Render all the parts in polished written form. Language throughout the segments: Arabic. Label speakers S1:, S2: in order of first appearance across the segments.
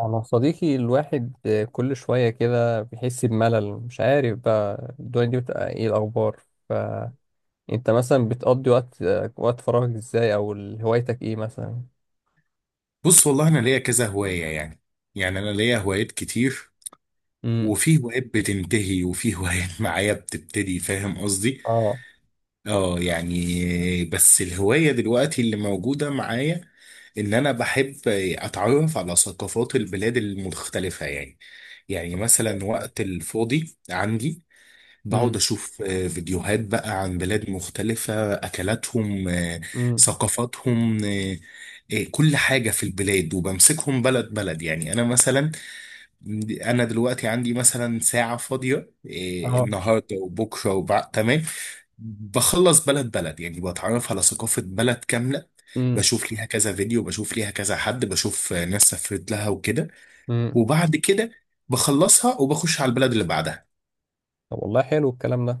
S1: أنا صديقي الواحد، كل شوية كده بيحس بملل، مش عارف بقى الدنيا دي بتبقى إيه الأخبار. فأنت مثلا بتقضي وقت فراغك إزاي، أو هوايتك إيه مثلا؟
S2: بص، والله انا ليا كذا هوايه يعني انا ليا هوايات كتير.
S1: امم.
S2: وفي هوايات بتنتهي، وفي هوايات معايا بتبتدي، فاهم قصدي؟
S1: اه.
S2: اه يعني بس الهوايه دلوقتي اللي موجوده معايا ان انا بحب اتعرف على ثقافات البلاد المختلفه يعني مثلا
S1: ده.
S2: وقت الفاضي عندي بقعد
S1: امم.
S2: أشوف فيديوهات بقى عن بلاد مختلفة، أكلاتهم،
S1: امم.
S2: ثقافاتهم، كل حاجة في البلاد، وبمسكهم بلد بلد يعني. أنا مثلا، أنا دلوقتي عندي مثلا ساعة فاضية
S1: اه.
S2: النهاردة وبكرة وبعد، تمام، بخلص بلد بلد، يعني بتعرف على ثقافة بلد كاملة،
S1: امم.
S2: بشوف ليها كذا فيديو، بشوف ليها كذا حد، بشوف ناس سافرت لها وكده.
S1: امم.
S2: وبعد كده بخلصها وبخش على البلد اللي بعدها.
S1: طب والله حلو الكلام ده.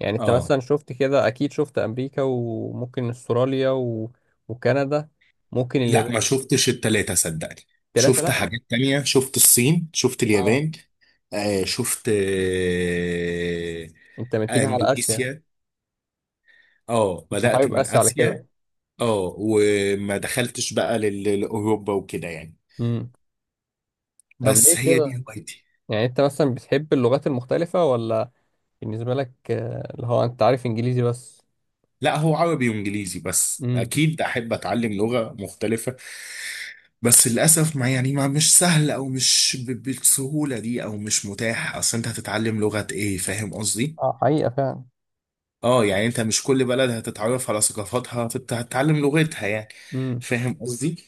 S1: يعني أنت
S2: اه،
S1: مثلا شفت كده، أكيد شفت أمريكا وممكن أستراليا و... وكندا، ممكن
S2: لا ما
S1: اليابان.
S2: شفتش التلاتة صدقني.
S1: تلاتة
S2: شفت
S1: لأ؟
S2: حاجات تانية، شفت الصين، شفت
S1: اه.
S2: اليابان، شفت
S1: أنت متجه على آسيا.
S2: اندونيسيا. اه
S1: أنت
S2: بدأت
S1: حابب
S2: من
S1: آسيا على
S2: آسيا.
S1: كده.
S2: اه، وما دخلتش بقى لأوروبا وكده يعني.
S1: امم. طب ليه
S2: بس هي دي
S1: كده؟
S2: هوايتي.
S1: يعني انت مثلا بتحب اللغات المختلفة، ولا بالنسبة لك اللي هو انت عارف انجليزي بس.
S2: لا، هو عربي وانجليزي بس،
S1: امم.
S2: اكيد احب اتعلم لغة مختلفة. بس للاسف ما يعني، ما مش سهل، او مش بالسهولة دي، او مش متاح. اصل انت هتتعلم لغة ايه، فاهم قصدي؟
S1: اه حقيقة فعلا.
S2: اه يعني انت مش كل بلد هتتعرف على ثقافاتها فانت هتتعلم لغتها يعني.
S1: امم.
S2: فاهم قصدي.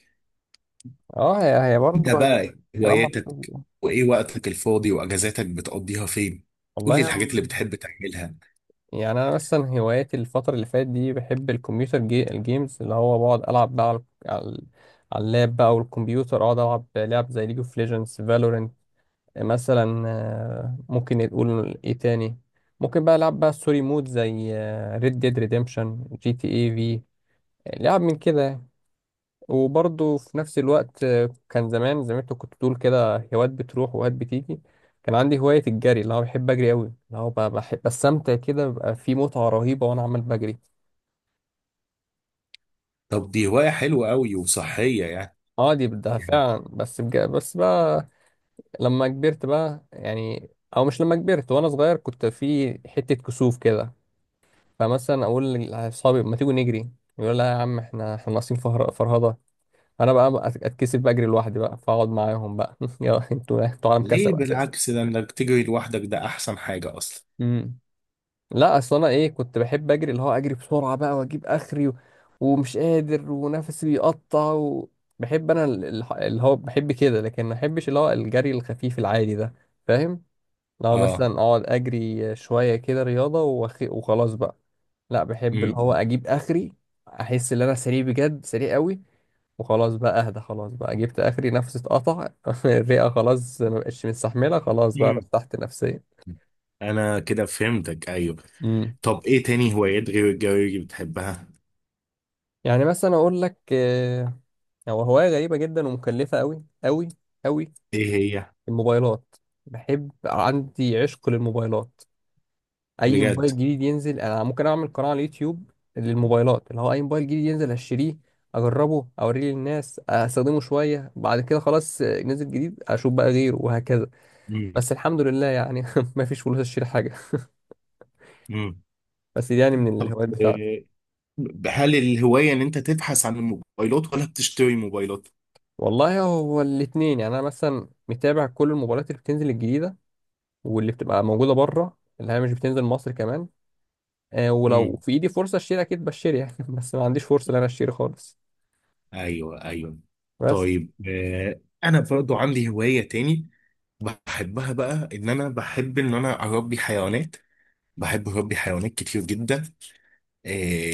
S1: اه، هي
S2: انت
S1: برضه هي
S2: بقى إيه
S1: كلام
S2: هواياتك،
S1: منطقي.
S2: وايه وقتك الفاضي، واجازاتك بتقضيها فين؟ قول لي
S1: والله
S2: الحاجات اللي بتحب تعملها.
S1: يعني انا مثلا هواياتي الفترة اللي فاتت دي، بحب الكمبيوتر الجيمز، اللي هو بقعد العب بقى على على اللاب بقى والكمبيوتر، اقعد العب لعب زي ليج اوف ليجندز فالورنت مثلا. ممكن نقول ايه تاني، ممكن بقى العب بقى ستوري مود زي ريد ديد ريديمشن جي تي اي. يعني لعب من كده يعني. وبرضه في نفس الوقت كان زمان زي ما انت كنت بتقول كده، هوايات بتروح وهوايات بتيجي. كان عندي هواية الجري، اللي هو بحب أجري أوي، اللي هو بحب بستمتع كده، بيبقى في متعة رهيبة وأنا عمال بجري.
S2: طب دي هواية حلوة قوي وصحية يعني.
S1: اه دي بدها
S2: يعني
S1: فعلا، بس بقى لما كبرت بقى يعني، أو مش لما كبرت، وأنا صغير كنت في حتة كسوف كده، فمثلا أقول لأصحابي ما تيجوا نجري، يقول لا يا عم، احنا ناقصين فرهضة. انا بقى اتكسف بقى اجري لوحدي بقى، فاقعد معاهم بقى يا انتوا عالم كسب
S2: ليه؟
S1: اساسا.
S2: بالعكس، ده انك تجري لوحدك ده احسن حاجة اصلا.
S1: امم. لا اصل انا ايه، كنت بحب اجري، اللي هو اجري بسرعه بقى واجيب اخري و... ومش قادر ونفسي بيقطع و... بحب انا اللي هو بحب كده، لكن ما بحبش اللي هو الجري الخفيف العادي ده، فاهم. لو
S2: اه.
S1: مثلا اقعد اجري شويه كده رياضه وخلاص بقى. لا، بحب اللي هو
S2: امم.
S1: اجيب اخري، احس ان انا سريع بجد، سريع قوي، وخلاص بقى اهدى، خلاص بقى جبت اخري، نفسي اتقطع الرئه خلاص ما بقتش مستحمله، خلاص بقى
S2: امم.
S1: ارتحت نفسيا.
S2: انا كده فهمتك، ايوه.
S1: امم.
S2: طب ايه تاني هوايات غير الجري بتحبها؟
S1: يعني مثلا اقول لك هو هوايه غريبه جدا، ومكلفه قوي قوي قوي:
S2: ايه هي؟
S1: الموبايلات. بحب، عندي عشق للموبايلات. اي
S2: بجد؟
S1: موبايل جديد ينزل، انا ممكن اعمل قناه على اليوتيوب للموبايلات، اللي هو اي موبايل جديد ينزل هشتريه، اجربه، اوريه للناس، استخدمه شويه، بعد كده خلاص نزل جديد اشوف بقى غيره، وهكذا.
S2: امم.
S1: بس الحمد لله يعني ما فيش فلوس اشتري حاجه.
S2: امم.
S1: بس دي يعني من
S2: طب
S1: الهوايات بتاعتي.
S2: هل الهواية ان انت تبحث عن الموبايلات ولا بتشتري موبايلات؟
S1: والله هو الاتنين. يعني انا مثلا متابع كل المباريات اللي بتنزل الجديده، واللي بتبقى موجوده بره اللي هي مش بتنزل مصر كمان. آه، ولو
S2: امم.
S1: في ايدي فرصه اشتري، اكيد بشتري يعني بس ما عنديش فرصه ان انا اشتري خالص.
S2: ايوه ايوه.
S1: بس.
S2: طيب انا برضو عندي هواية تاني بحبها بقى، ان انا بحب ان انا اربي حيوانات. بحب اربي حيوانات كتير جدا. آه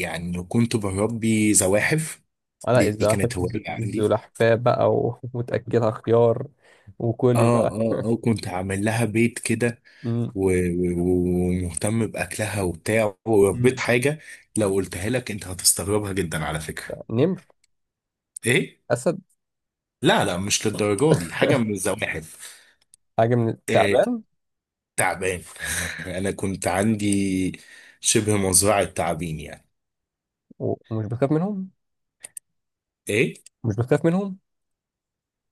S2: يعني كنت بربي زواحف.
S1: انا
S2: دي
S1: الزمالك.
S2: كانت هواية عندي.
S1: الزلحفاه بقى وتاكلها خيار وكلي
S2: اه
S1: بقى
S2: اه اه، كنت عامل لها بيت كده
S1: مم.
S2: و- و- ومهتم باكلها وبتاع، وربيت
S1: مم.
S2: حاجة لو قلتها لك انت هتستغربها جدا على فكرة.
S1: نمر.
S2: ايه؟
S1: اسد.
S2: لا لا، مش للدرجه دي، حاجه من الزواحف.
S1: حاجه من
S2: إيه؟
S1: التعبان.
S2: تعبان. انا كنت عندي شبه مزرعه تعابين يعني.
S1: ومش بخاف منهم.
S2: ايه؟
S1: مش بخاف منهم.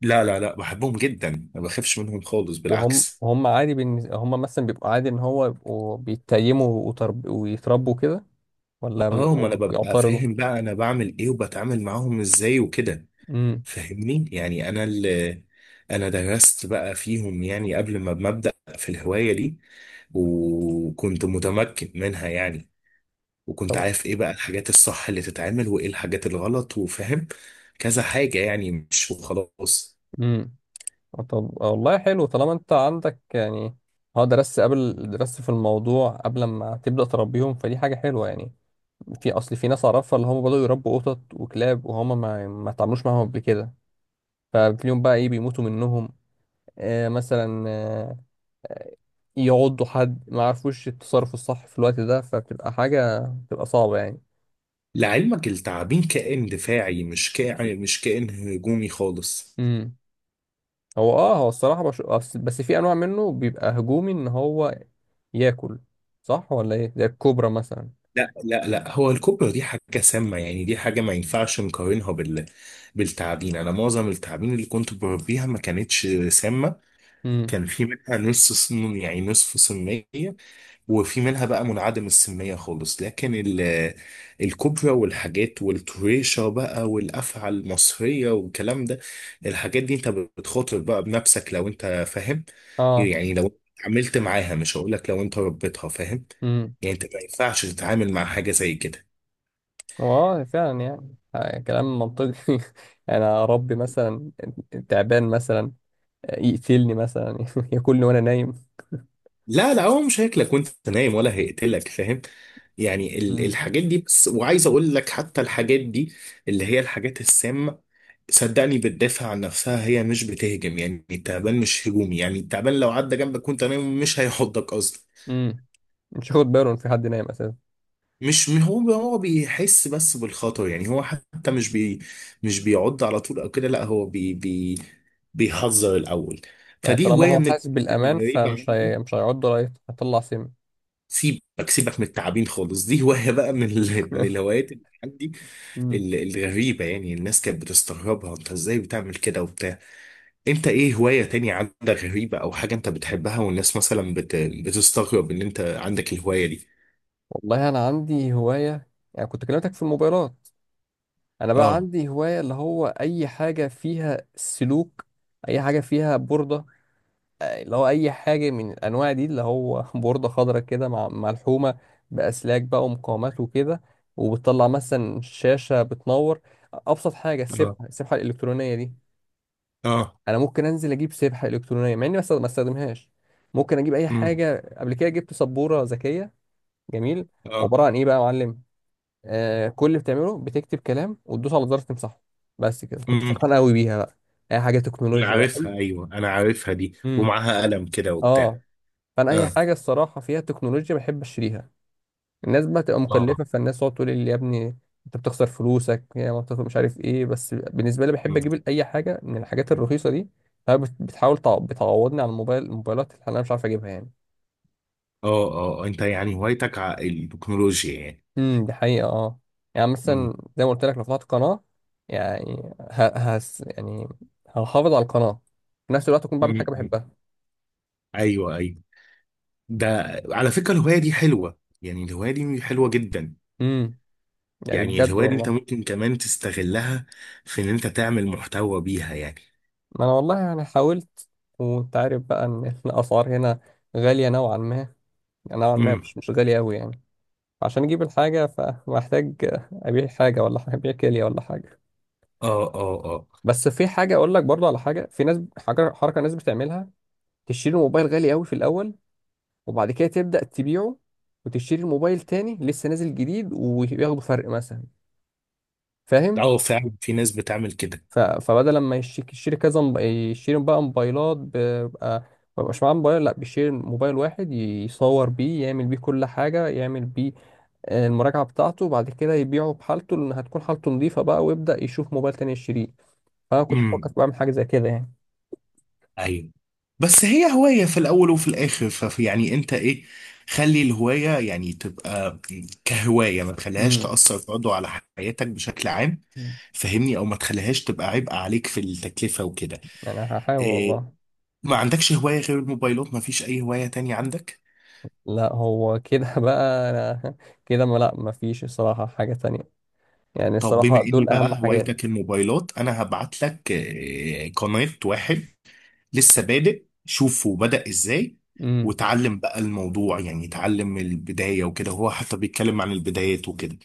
S2: لا لا لا، بحبهم جدا، ما بخافش منهم خالص،
S1: وهم
S2: بالعكس.
S1: هم عادي هم مثلا بيبقوا عادي ان هو يبقوا بيتيموا ويتربوا كده، ولا
S2: اه، ما
S1: بيبقوا
S2: انا ببقى
S1: بيعترضوا.
S2: فاهم بقى انا بعمل ايه وبتعامل معاهم ازاي وكده.
S1: امم.
S2: فاهمني؟ يعني انا درست بقى فيهم يعني، قبل ما ببدأ في الهوايه دي. وكنت متمكن منها يعني، وكنت
S1: طب.
S2: عارف ايه بقى الحاجات الصح اللي تتعمل، وايه الحاجات الغلط، وفاهم كذا حاجة يعني، مش وخلاص.
S1: امم. طب والله حلو. طالما انت عندك يعني اه درست قبل، درست في الموضوع قبل ما تبدأ تربيهم، فدي حاجة حلوة يعني. في اصل في ناس اعرفها اللي هم بدأوا يربوا قطط وكلاب، وهم ما اتعاملوش معاهم قبل كده، فبتلاقيهم بقى ايه بيموتوا منهم. آه مثلا يعضوا حد، ما عرفوش التصرف الصح في الوقت ده، فبتبقى حاجة بتبقى صعبة يعني.
S2: لعلمك التعابين كائن دفاعي، مش كائن، هجومي خالص.
S1: امم. هو اه، هو الصراحة بس في انواع منه بيبقى هجومي ان هو ياكل، صح ولا ايه، زي الكوبرا مثلا.
S2: لا لا لا، هو الكوبرا دي حاجة سامة يعني، دي حاجة ما ينفعش نقارنها بالتعابين. أنا معظم التعابين اللي كنت بربيها ما كانتش سامة.
S1: امم.
S2: كان في منها نص صن يعني نصف صنية، وفي منها بقى منعدم السمية خالص. لكن الكوبرا والحاجات والطريشة بقى، والأفعى المصرية والكلام ده، الحاجات دي انت بتخاطر بقى بنفسك لو انت فاهم
S1: اه.
S2: يعني. لو عملت معاها، مش هقولك لو انت ربيتها، فاهم؟
S1: امم.
S2: يعني انت ما ينفعش تتعامل مع حاجة زي كده.
S1: هو اه فعلا يعني كلام منطقي انا اربي مثلا تعبان مثلا يقتلني مثلا ياكلني وانا نايم.
S2: لا لا، هو مش هياكلك وانت نايم ولا هيقتلك، فاهم؟ يعني
S1: مم.
S2: الحاجات دي بس. وعايز اقول لك، حتى الحاجات دي اللي هي الحاجات السامة، صدقني بتدافع عن نفسها، هي مش بتهجم يعني. التعبان مش هجومي يعني. التعبان لو عدى جنبك وانت نايم مش هيحضك اصلا.
S1: امم. مش هاخد باله ان في حد نايم اساسا.
S2: مش هو بيحس بس بالخطر يعني. هو حتى مش بيعض على طول او كده، لا هو بي بي بيحذر الاول.
S1: يعني
S2: فدي
S1: طالما
S2: هوايه
S1: هو
S2: من
S1: حاسس
S2: الهوايات
S1: بالأمان
S2: الغريبه
S1: فمش
S2: عندي.
S1: مش هيعض، رايت هيطلع سم.
S2: سيبك سيبك من التعابين خالص، دي هوايه بقى من الهوايات اللي عندي،
S1: مم.
S2: الغريبه يعني. الناس كانت بتستغربها، انت ازاي بتعمل كده وبتاع؟ انت ايه هواية تانية عندك غريبة او حاجة انت بتحبها والناس مثلا بتستغرب ان انت عندك الهواية دي؟
S1: والله أنا عندي هواية، يعني كنت كلمتك في الموبايلات. أنا بقى
S2: اه
S1: عندي هواية اللي هو أي حاجة فيها سلوك، أي حاجة فيها بوردة اللي هو أي حاجة من الأنواع دي، اللي هو بوردة خضراء كده مع ملحومة بأسلاك بقى ومقاومات وكده، وبتطلع مثلا شاشة بتنور. أبسط حاجة
S2: اه
S1: السبحة، السبحة الإلكترونية دي.
S2: اه.
S1: انا ممكن انزل اجيب سبحه الكترونيه مع اني ما استخدمهاش. ممكن اجيب اي
S2: امم.
S1: حاجه. قبل كده جبت سبوره ذكيه. جميل.
S2: اه.
S1: عباره عن ايه بقى يا معلم، آه كل اللي بتعمله بتكتب كلام وتدوس على زرار تمسحه، بس كده. كنت
S2: امم.
S1: فرحان قوي بيها بقى. اي حاجه
S2: انا
S1: تكنولوجيا بقى
S2: عارفها
S1: اي.
S2: ايوه، انا عارفها دي،
S1: امم.
S2: ومعاها قلم كده وبتاع.
S1: اه. فانا اي
S2: اه.
S1: حاجه الصراحه فيها تكنولوجيا بحب اشتريها. الناس بقى تبقى
S2: اه.
S1: مكلفة، فالناس تقعد تقول لي يا ابني انت بتخسر فلوسك، يا ما بتخسر مش عارف ايه، بس بالنسبة لي بحب
S2: مم.
S1: اجيب اي حاجة من الحاجات
S2: مم.
S1: الرخيصة دي، فهي بتحاول بتعوضني عن الموبايلات اللي انا مش عارف اجيبها يعني.
S2: اه اه اه، انت يعني هوايتك التكنولوجيا يعني.
S1: امم. دي حقيقة اه. يعني
S2: مم.
S1: مثلا زي ما قلت لك لو فتحت قناة يعني يعني هحافظ على القناة، في نفس الوقت اكون بعمل حاجة
S2: مم. مم.
S1: بحبها.
S2: ايوه ايوه. ده على فكرة الهواية دي حلوة يعني، الهواية دي حلوة جدا.
S1: امم. يعني
S2: يعني
S1: بجد
S2: الهواية دي انت
S1: والله.
S2: ممكن كمان تستغلها في ان انت تعمل محتوى بيها يعني.
S1: ما انا والله يعني حاولت، وانت عارف بقى ان الاسعار هنا غالية نوعا ما، يعني نوعا ما
S2: امم.
S1: مش غالية قوي يعني. عشان اجيب الحاجه فمحتاج ابيع حاجه، ولا ابيع كليه ولا حاجه.
S2: اه اه اه
S1: بس في حاجه اقول لك برضه على حاجه، في ناس حاجه حركه ناس بتعملها: تشتري الموبايل غالي قوي في الاول، وبعد كده تبدا تبيعه، وتشتري الموبايل تاني لسه نازل جديد، وياخدوا فرق مثلا، فاهم.
S2: اه، فعلا في ناس بتعمل كده.
S1: فبدل لما يشتري يشتري كذا يشتري بقى موبايلات، بيبقى ما بيبقاش معاه موبايل، لا بيشتري موبايل واحد يصور بيه، يعمل بيه كل حاجه، يعمل بيه المراجعة بتاعته، بعد كده يبيعه بحالته، لأن هتكون حالته نظيفة بقى، ويبدأ يشوف موبايل تاني يشتريه. فأنا كنت بفكر
S2: امم.
S1: بعمل حاجة زي كده يعني.
S2: ايوه. بس هي هواية في الأول وفي الآخر، ففي يعني أنت إيه، خلي الهواية يعني تبقى كهواية، ما تخليهاش
S1: امم.
S2: تأثر برضه على حياتك بشكل عام، فهمني؟ أو ما تخليهاش تبقى عبء عليك في التكلفة وكده.
S1: يعني هحاول
S2: إيه؟
S1: والله.
S2: ما عندكش هواية غير الموبايلات؟ ما فيش أي هواية تانية عندك؟
S1: لا هو كده بقى أنا كده، ما لا مفيش الصراحة حاجة تانية. يعني
S2: طب بما
S1: الصراحة
S2: إني
S1: دول أهم
S2: بقى
S1: حاجات.
S2: هوايتك الموبايلات، أنا هبعت لك إيه، قناة واحد لسه بادئ، شوفه بدأ ازاي،
S1: امم.
S2: وتعلم بقى الموضوع، يعني تعلم البداية وكده، هو حتى بيتكلم عن البدايات وكده.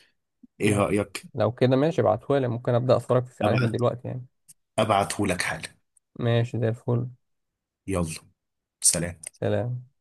S2: ايه
S1: لو
S2: رأيك؟
S1: كده ماشي ابعتهولي، ممكن أبدأ أتفرج عليها من
S2: ابعت
S1: دلوقتي يعني.
S2: ابعته لك حالا.
S1: ماشي زي الفل.
S2: يلا، سلام.
S1: سلام.